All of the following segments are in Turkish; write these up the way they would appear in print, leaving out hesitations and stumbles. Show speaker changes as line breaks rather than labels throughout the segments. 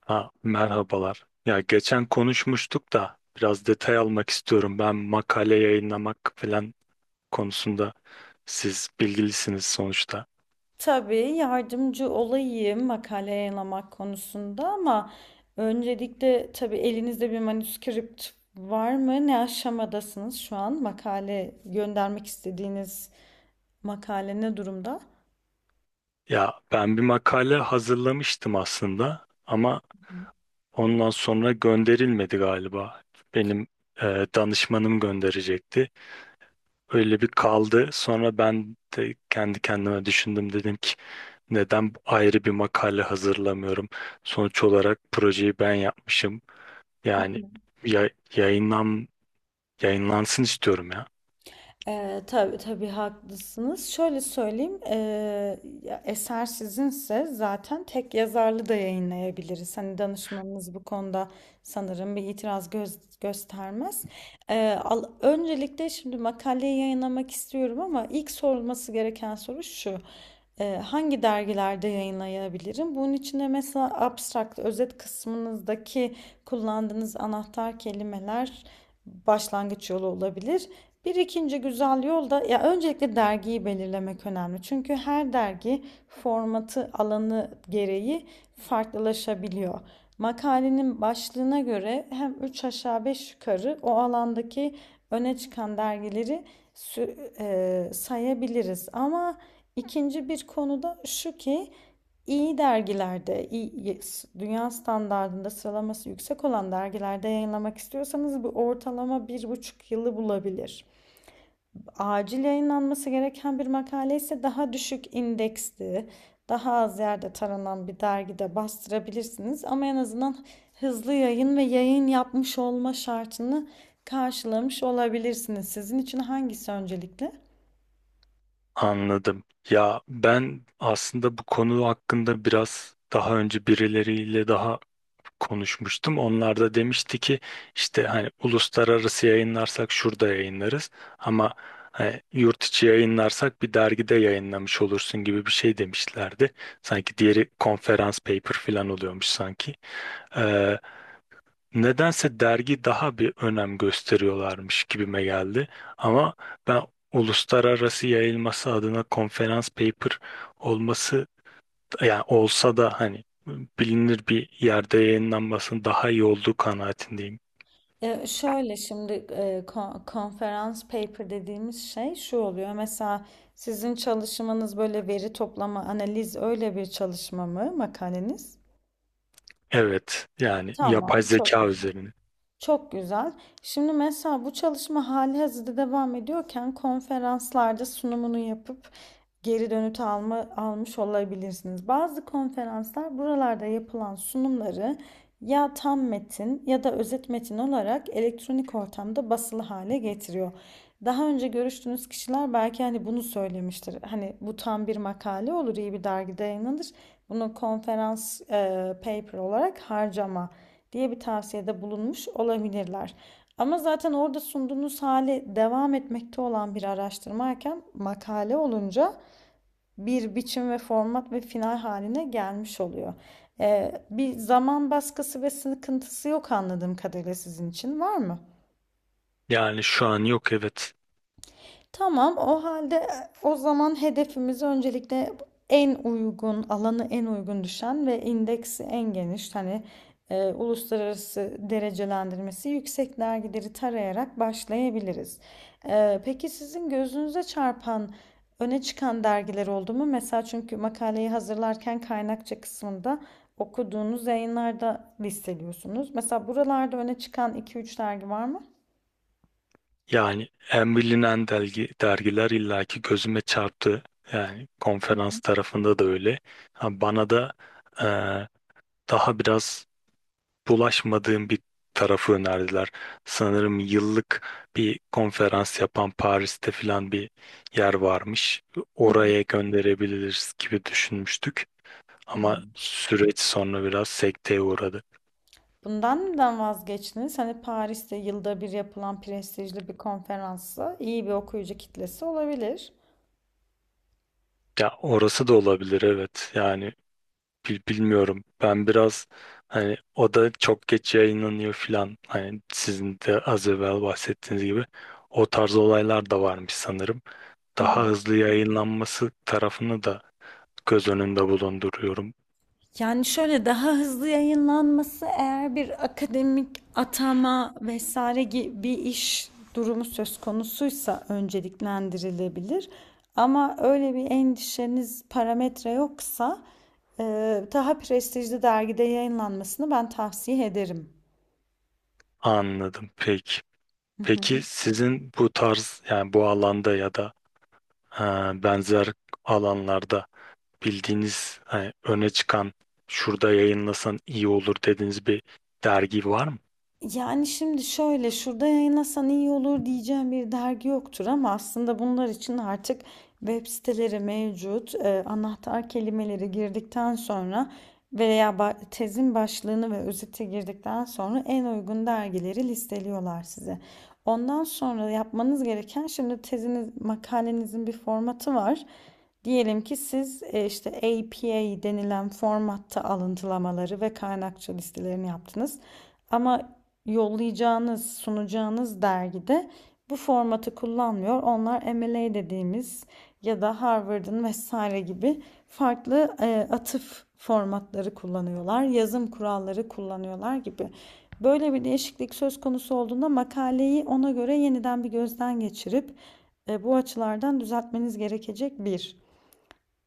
Ha, merhabalar. Ya geçen konuşmuştuk da biraz detay almak istiyorum. Ben makale yayınlamak falan konusunda siz bilgilisiniz sonuçta.
Tabii yardımcı olayım makale yayınlamak konusunda ama öncelikle tabii elinizde bir manuskript var mı? Ne aşamadasınız şu an? Makale göndermek istediğiniz makale ne durumda?
Ya ben bir makale hazırlamıştım aslında ama ondan sonra gönderilmedi galiba. Benim danışmanım gönderecekti. Öyle bir kaldı. Sonra ben de kendi kendime düşündüm dedim ki neden ayrı bir makale hazırlamıyorum? Sonuç olarak projeyi ben yapmışım.
Hı.
Yani ya, yayınlan yayınlansın istiyorum ya.
Tabii tabii haklısınız. Şöyle söyleyeyim, ya eser sizinse zaten tek yazarlı da yayınlayabiliriz. Hani danışmanınız bu konuda sanırım bir itiraz göstermez. Öncelikle şimdi makaleyi yayınlamak istiyorum ama ilk sorulması gereken soru şu. Hangi dergilerde yayınlayabilirim? Bunun için de mesela abstract, özet kısmınızdaki kullandığınız anahtar kelimeler başlangıç yolu olabilir. Bir ikinci güzel yol da ya öncelikle dergiyi belirlemek önemli. Çünkü her dergi formatı, alanı gereği farklılaşabiliyor. Makalenin başlığına göre hem 3 aşağı 5 yukarı o alandaki öne çıkan dergileri sayabiliriz. Ama ikinci bir konu da şu ki iyi dergilerde, iyi, dünya standartında sıralaması yüksek olan dergilerde yayınlamak istiyorsanız bu ortalama 1,5 yılı bulabilir, acil yayınlanması gereken bir makale ise daha düşük indeksli, daha az yerde taranan bir dergide bastırabilirsiniz. Ama en azından hızlı yayın ve yayın yapmış olma şartını karşılamış olabilirsiniz. Sizin için hangisi öncelikli?
Anladım. Ya ben aslında bu konu hakkında biraz daha önce birileriyle daha konuşmuştum. Onlar da demişti ki işte hani uluslararası yayınlarsak şurada yayınlarız ama hani yurt içi yayınlarsak bir dergide yayınlamış olursun gibi bir şey demişlerdi. Sanki diğeri konferans paper falan oluyormuş sanki. Nedense dergi daha bir önem gösteriyorlarmış gibime geldi. Ama ben uluslararası yayılması adına konferans paper olması yani olsa da hani bilinir bir yerde yayınlanmasının daha iyi olduğu kanaatindeyim.
Şöyle şimdi konferans paper dediğimiz şey şu oluyor. Mesela sizin çalışmanız böyle veri toplama, analiz öyle bir çalışma mı makaleniz?
Evet yani
Tamam,
yapay
çok
zeka
güzel.
üzerine.
Çok güzel. Şimdi mesela bu çalışma hali hazırda devam ediyorken konferanslarda sunumunu yapıp geri dönüt almış olabilirsiniz. Bazı konferanslar buralarda yapılan sunumları ya tam metin ya da özet metin olarak elektronik ortamda basılı hale getiriyor. Daha önce görüştüğünüz kişiler belki hani bunu söylemiştir. Hani bu tam bir makale olur, iyi bir dergide yayınlanır. Bunu konferans paper olarak harcama diye bir tavsiyede bulunmuş olabilirler. Ama zaten orada sunduğunuz hali devam etmekte olan bir araştırmayken makale olunca bir biçim ve format ve final haline gelmiş oluyor. Bir zaman baskısı ve sıkıntısı yok anladığım kadarıyla, sizin için var mı?
Yani şu an yok, evet.
Tamam, o halde o zaman hedefimizi öncelikle en uygun, alanı en uygun düşen ve indeksi en geniş, hani uluslararası derecelendirmesi yüksek dergileri tarayarak başlayabiliriz. Peki sizin gözünüze çarpan, öne çıkan dergiler oldu mu? Mesela çünkü makaleyi hazırlarken kaynakça kısmında okuduğunuz yayınlarda listeliyorsunuz. Mesela buralarda öne çıkan iki üç dergi var mı?
Yani en bilinen dergi, dergiler illaki gözüme çarptı. Yani konferans tarafında da öyle. Ha, bana da eee, daha biraz bulaşmadığım bir tarafı önerdiler. Sanırım yıllık bir konferans yapan Paris'te filan bir yer varmış.
Hı hı.
Oraya gönderebiliriz gibi düşünmüştük.
Hı
Ama
hı.
süreç sonra biraz sekteye uğradı.
Bundan neden vazgeçtiniz? Hani Paris'te yılda bir yapılan prestijli bir konferansı iyi bir okuyucu kitlesi olabilir.
Ya orası da olabilir, evet. Yani bilmiyorum. Ben biraz hani o da çok geç yayınlanıyor filan. Hani sizin de az evvel bahsettiğiniz gibi o tarz olaylar da varmış sanırım.
Hı hı.
Daha hızlı yayınlanması tarafını da göz önünde bulunduruyorum.
Yani şöyle, daha hızlı yayınlanması eğer bir akademik atama vesaire gibi bir iş durumu söz konusuysa önceliklendirilebilir. Ama öyle bir endişeniz parametre yoksa e, daha prestijli dergide yayınlanmasını ben tavsiye ederim.
Anladım. Peki. Peki sizin bu tarz yani bu alanda ya da e, benzer alanlarda bildiğiniz öne çıkan şurada yayınlasan iyi olur dediğiniz bir dergi var mı?
Yani şimdi şöyle, şurada yayınlasan iyi olur diyeceğim bir dergi yoktur ama aslında bunlar için artık web siteleri mevcut. Anahtar kelimeleri girdikten sonra veya tezin başlığını ve özeti girdikten sonra en uygun dergileri listeliyorlar size. Ondan sonra yapmanız gereken şimdi teziniz, makalenizin bir formatı var. Diyelim ki siz işte APA denilen formatta alıntılamaları ve kaynakça listelerini yaptınız. Ama yollayacağınız, sunacağınız dergide bu formatı kullanmıyor. Onlar MLA dediğimiz ya da Harvard'ın vesaire gibi farklı atıf formatları kullanıyorlar, yazım kuralları kullanıyorlar gibi. Böyle bir değişiklik söz konusu olduğunda makaleyi ona göre yeniden bir gözden geçirip bu açılardan düzeltmeniz gerekecek bir.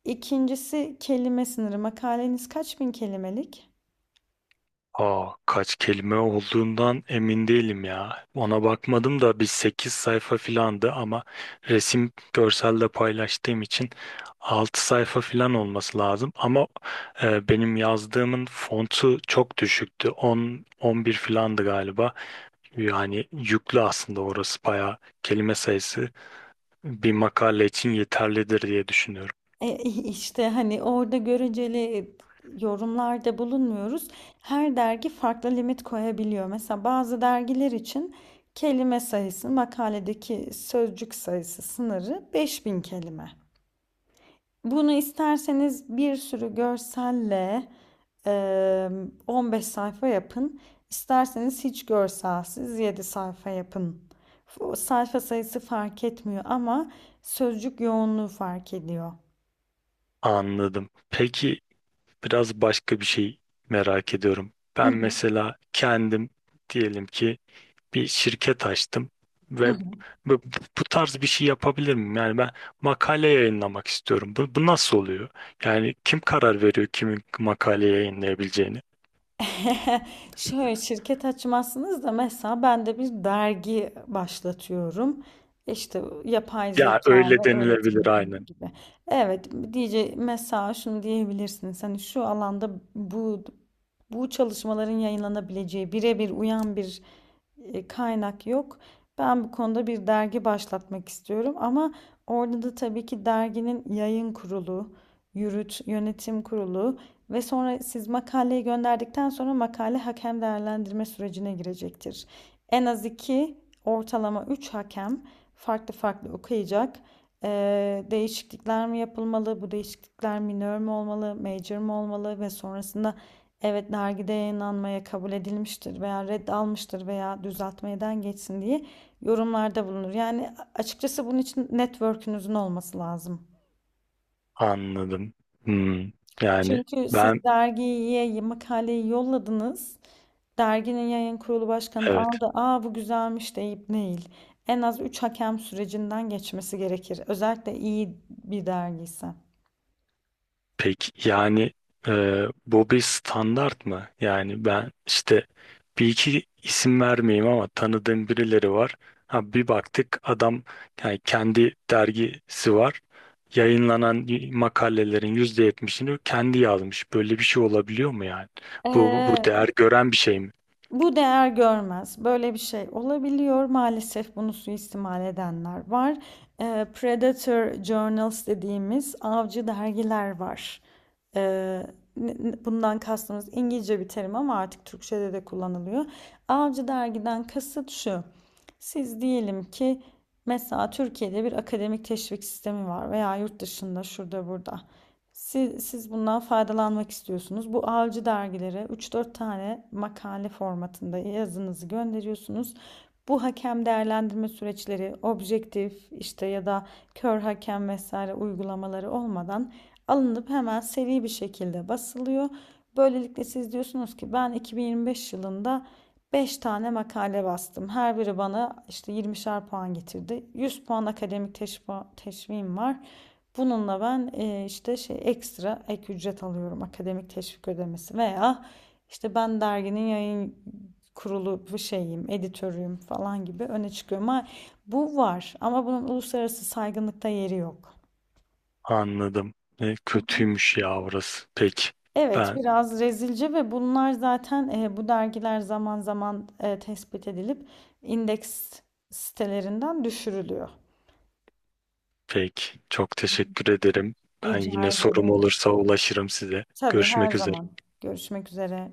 İkincisi kelime sınırı. Makaleniz kaç bin kelimelik?
Aa, kaç kelime olduğundan emin değilim ya. Ona bakmadım da bir 8 sayfa filandı ama resim görselde paylaştığım için 6 sayfa filan olması lazım. Ama benim yazdığımın fontu çok düşüktü. On 11 filandı galiba. Yani yüklü aslında orası bayağı kelime sayısı bir makale için yeterlidir diye düşünüyorum.
E, işte hani orada göreceli yorumlarda bulunmuyoruz. Her dergi farklı limit koyabiliyor. Mesela bazı dergiler için kelime sayısı, makaledeki sözcük sayısı sınırı 5.000 kelime. Bunu isterseniz bir sürü görselle e, 15 sayfa yapın. İsterseniz hiç görselsiz 7 sayfa yapın. O sayfa sayısı fark etmiyor ama sözcük yoğunluğu fark ediyor.
Anladım. Peki biraz başka bir şey merak ediyorum.
Hı
Ben
hı.
mesela kendim diyelim ki bir şirket açtım
Hı
ve
hı.
bu, bu tarz bir şey yapabilir miyim? Yani ben makale yayınlamak istiyorum. Bu nasıl oluyor? Yani kim karar veriyor kimin makale yayınlayabileceğini?
Şöyle şirket açmazsınız da mesela ben de bir dergi başlatıyorum. İşte yapay
Ya
zeka
öyle
ve
denilebilir
öğretim
aynen.
gibi. Evet mesela şunu diyebilirsiniz. Hani şu alanda bu çalışmaların yayınlanabileceği birebir uyan bir kaynak yok. Ben bu konuda bir dergi başlatmak istiyorum ama orada da tabii ki derginin yayın kurulu, yönetim kurulu ve sonra siz makaleyi gönderdikten sonra makale hakem değerlendirme sürecine girecektir. En az iki, ortalama üç hakem farklı farklı okuyacak. Değişiklikler mi yapılmalı, bu değişiklikler minor mü olmalı, major mu olmalı ve sonrasında evet dergide yayınlanmaya kabul edilmiştir veya red almıştır veya düzeltmeden geçsin diye yorumlarda bulunur. Yani açıkçası bunun için network'ünüzün olması lazım.
Anladım. Hmm. Yani
Çünkü
ben
siz dergiye makaleyi yolladınız. Derginin yayın kurulu başkanı da
evet.
aldı. Aa bu güzelmiş deyip değil. En az 3 hakem sürecinden geçmesi gerekir. Özellikle iyi bir dergiyse.
Peki yani bu bir standart mı? Yani ben işte bir iki isim vermeyeyim ama tanıdığım birileri var. Ha, bir baktık adam yani kendi dergisi var. Yayınlanan makalelerin %70'ini kendi yazmış. Böyle bir şey olabiliyor mu yani? Bu
Ee,
değer gören bir şey mi?
Bu değer görmez. Böyle bir şey olabiliyor. Maalesef bunu suistimal edenler var. Predator Journals dediğimiz avcı dergiler var. Eee, Bundan kastımız İngilizce bir terim ama artık Türkçe'de de kullanılıyor. Avcı dergiden kasıt şu. Siz diyelim ki mesela Türkiye'de bir akademik teşvik sistemi var veya yurt dışında şurada burada. Siz bundan faydalanmak istiyorsunuz. Bu avcı dergilere 3-4 tane makale formatında yazınızı gönderiyorsunuz. Bu hakem değerlendirme süreçleri objektif işte ya da kör hakem vesaire uygulamaları olmadan alınıp hemen seri bir şekilde basılıyor. Böylelikle siz diyorsunuz ki ben 2025 yılında 5 tane makale bastım. Her biri bana işte 20'şer puan getirdi. 100 puan akademik teşvim var. Bununla ben işte şey ekstra ek ücret alıyorum akademik teşvik ödemesi veya işte ben derginin yayın kurulu bu şeyim, editörüyüm falan gibi öne çıkıyorum. Ama bu var ama bunun uluslararası saygınlıkta yeri yok.
Anladım. E,
Hı hı.
kötüymüş ya orası. Peki.
Evet,
Ben
biraz rezilce ve bunlar zaten bu dergiler zaman zaman tespit edilip indeks sitelerinden düşürülüyor.
peki. Çok teşekkür ederim. Ben
Rica
yine sorum
ederim.
olursa ulaşırım size.
Tabii her
Görüşmek üzere.
zaman. Görüşmek üzere.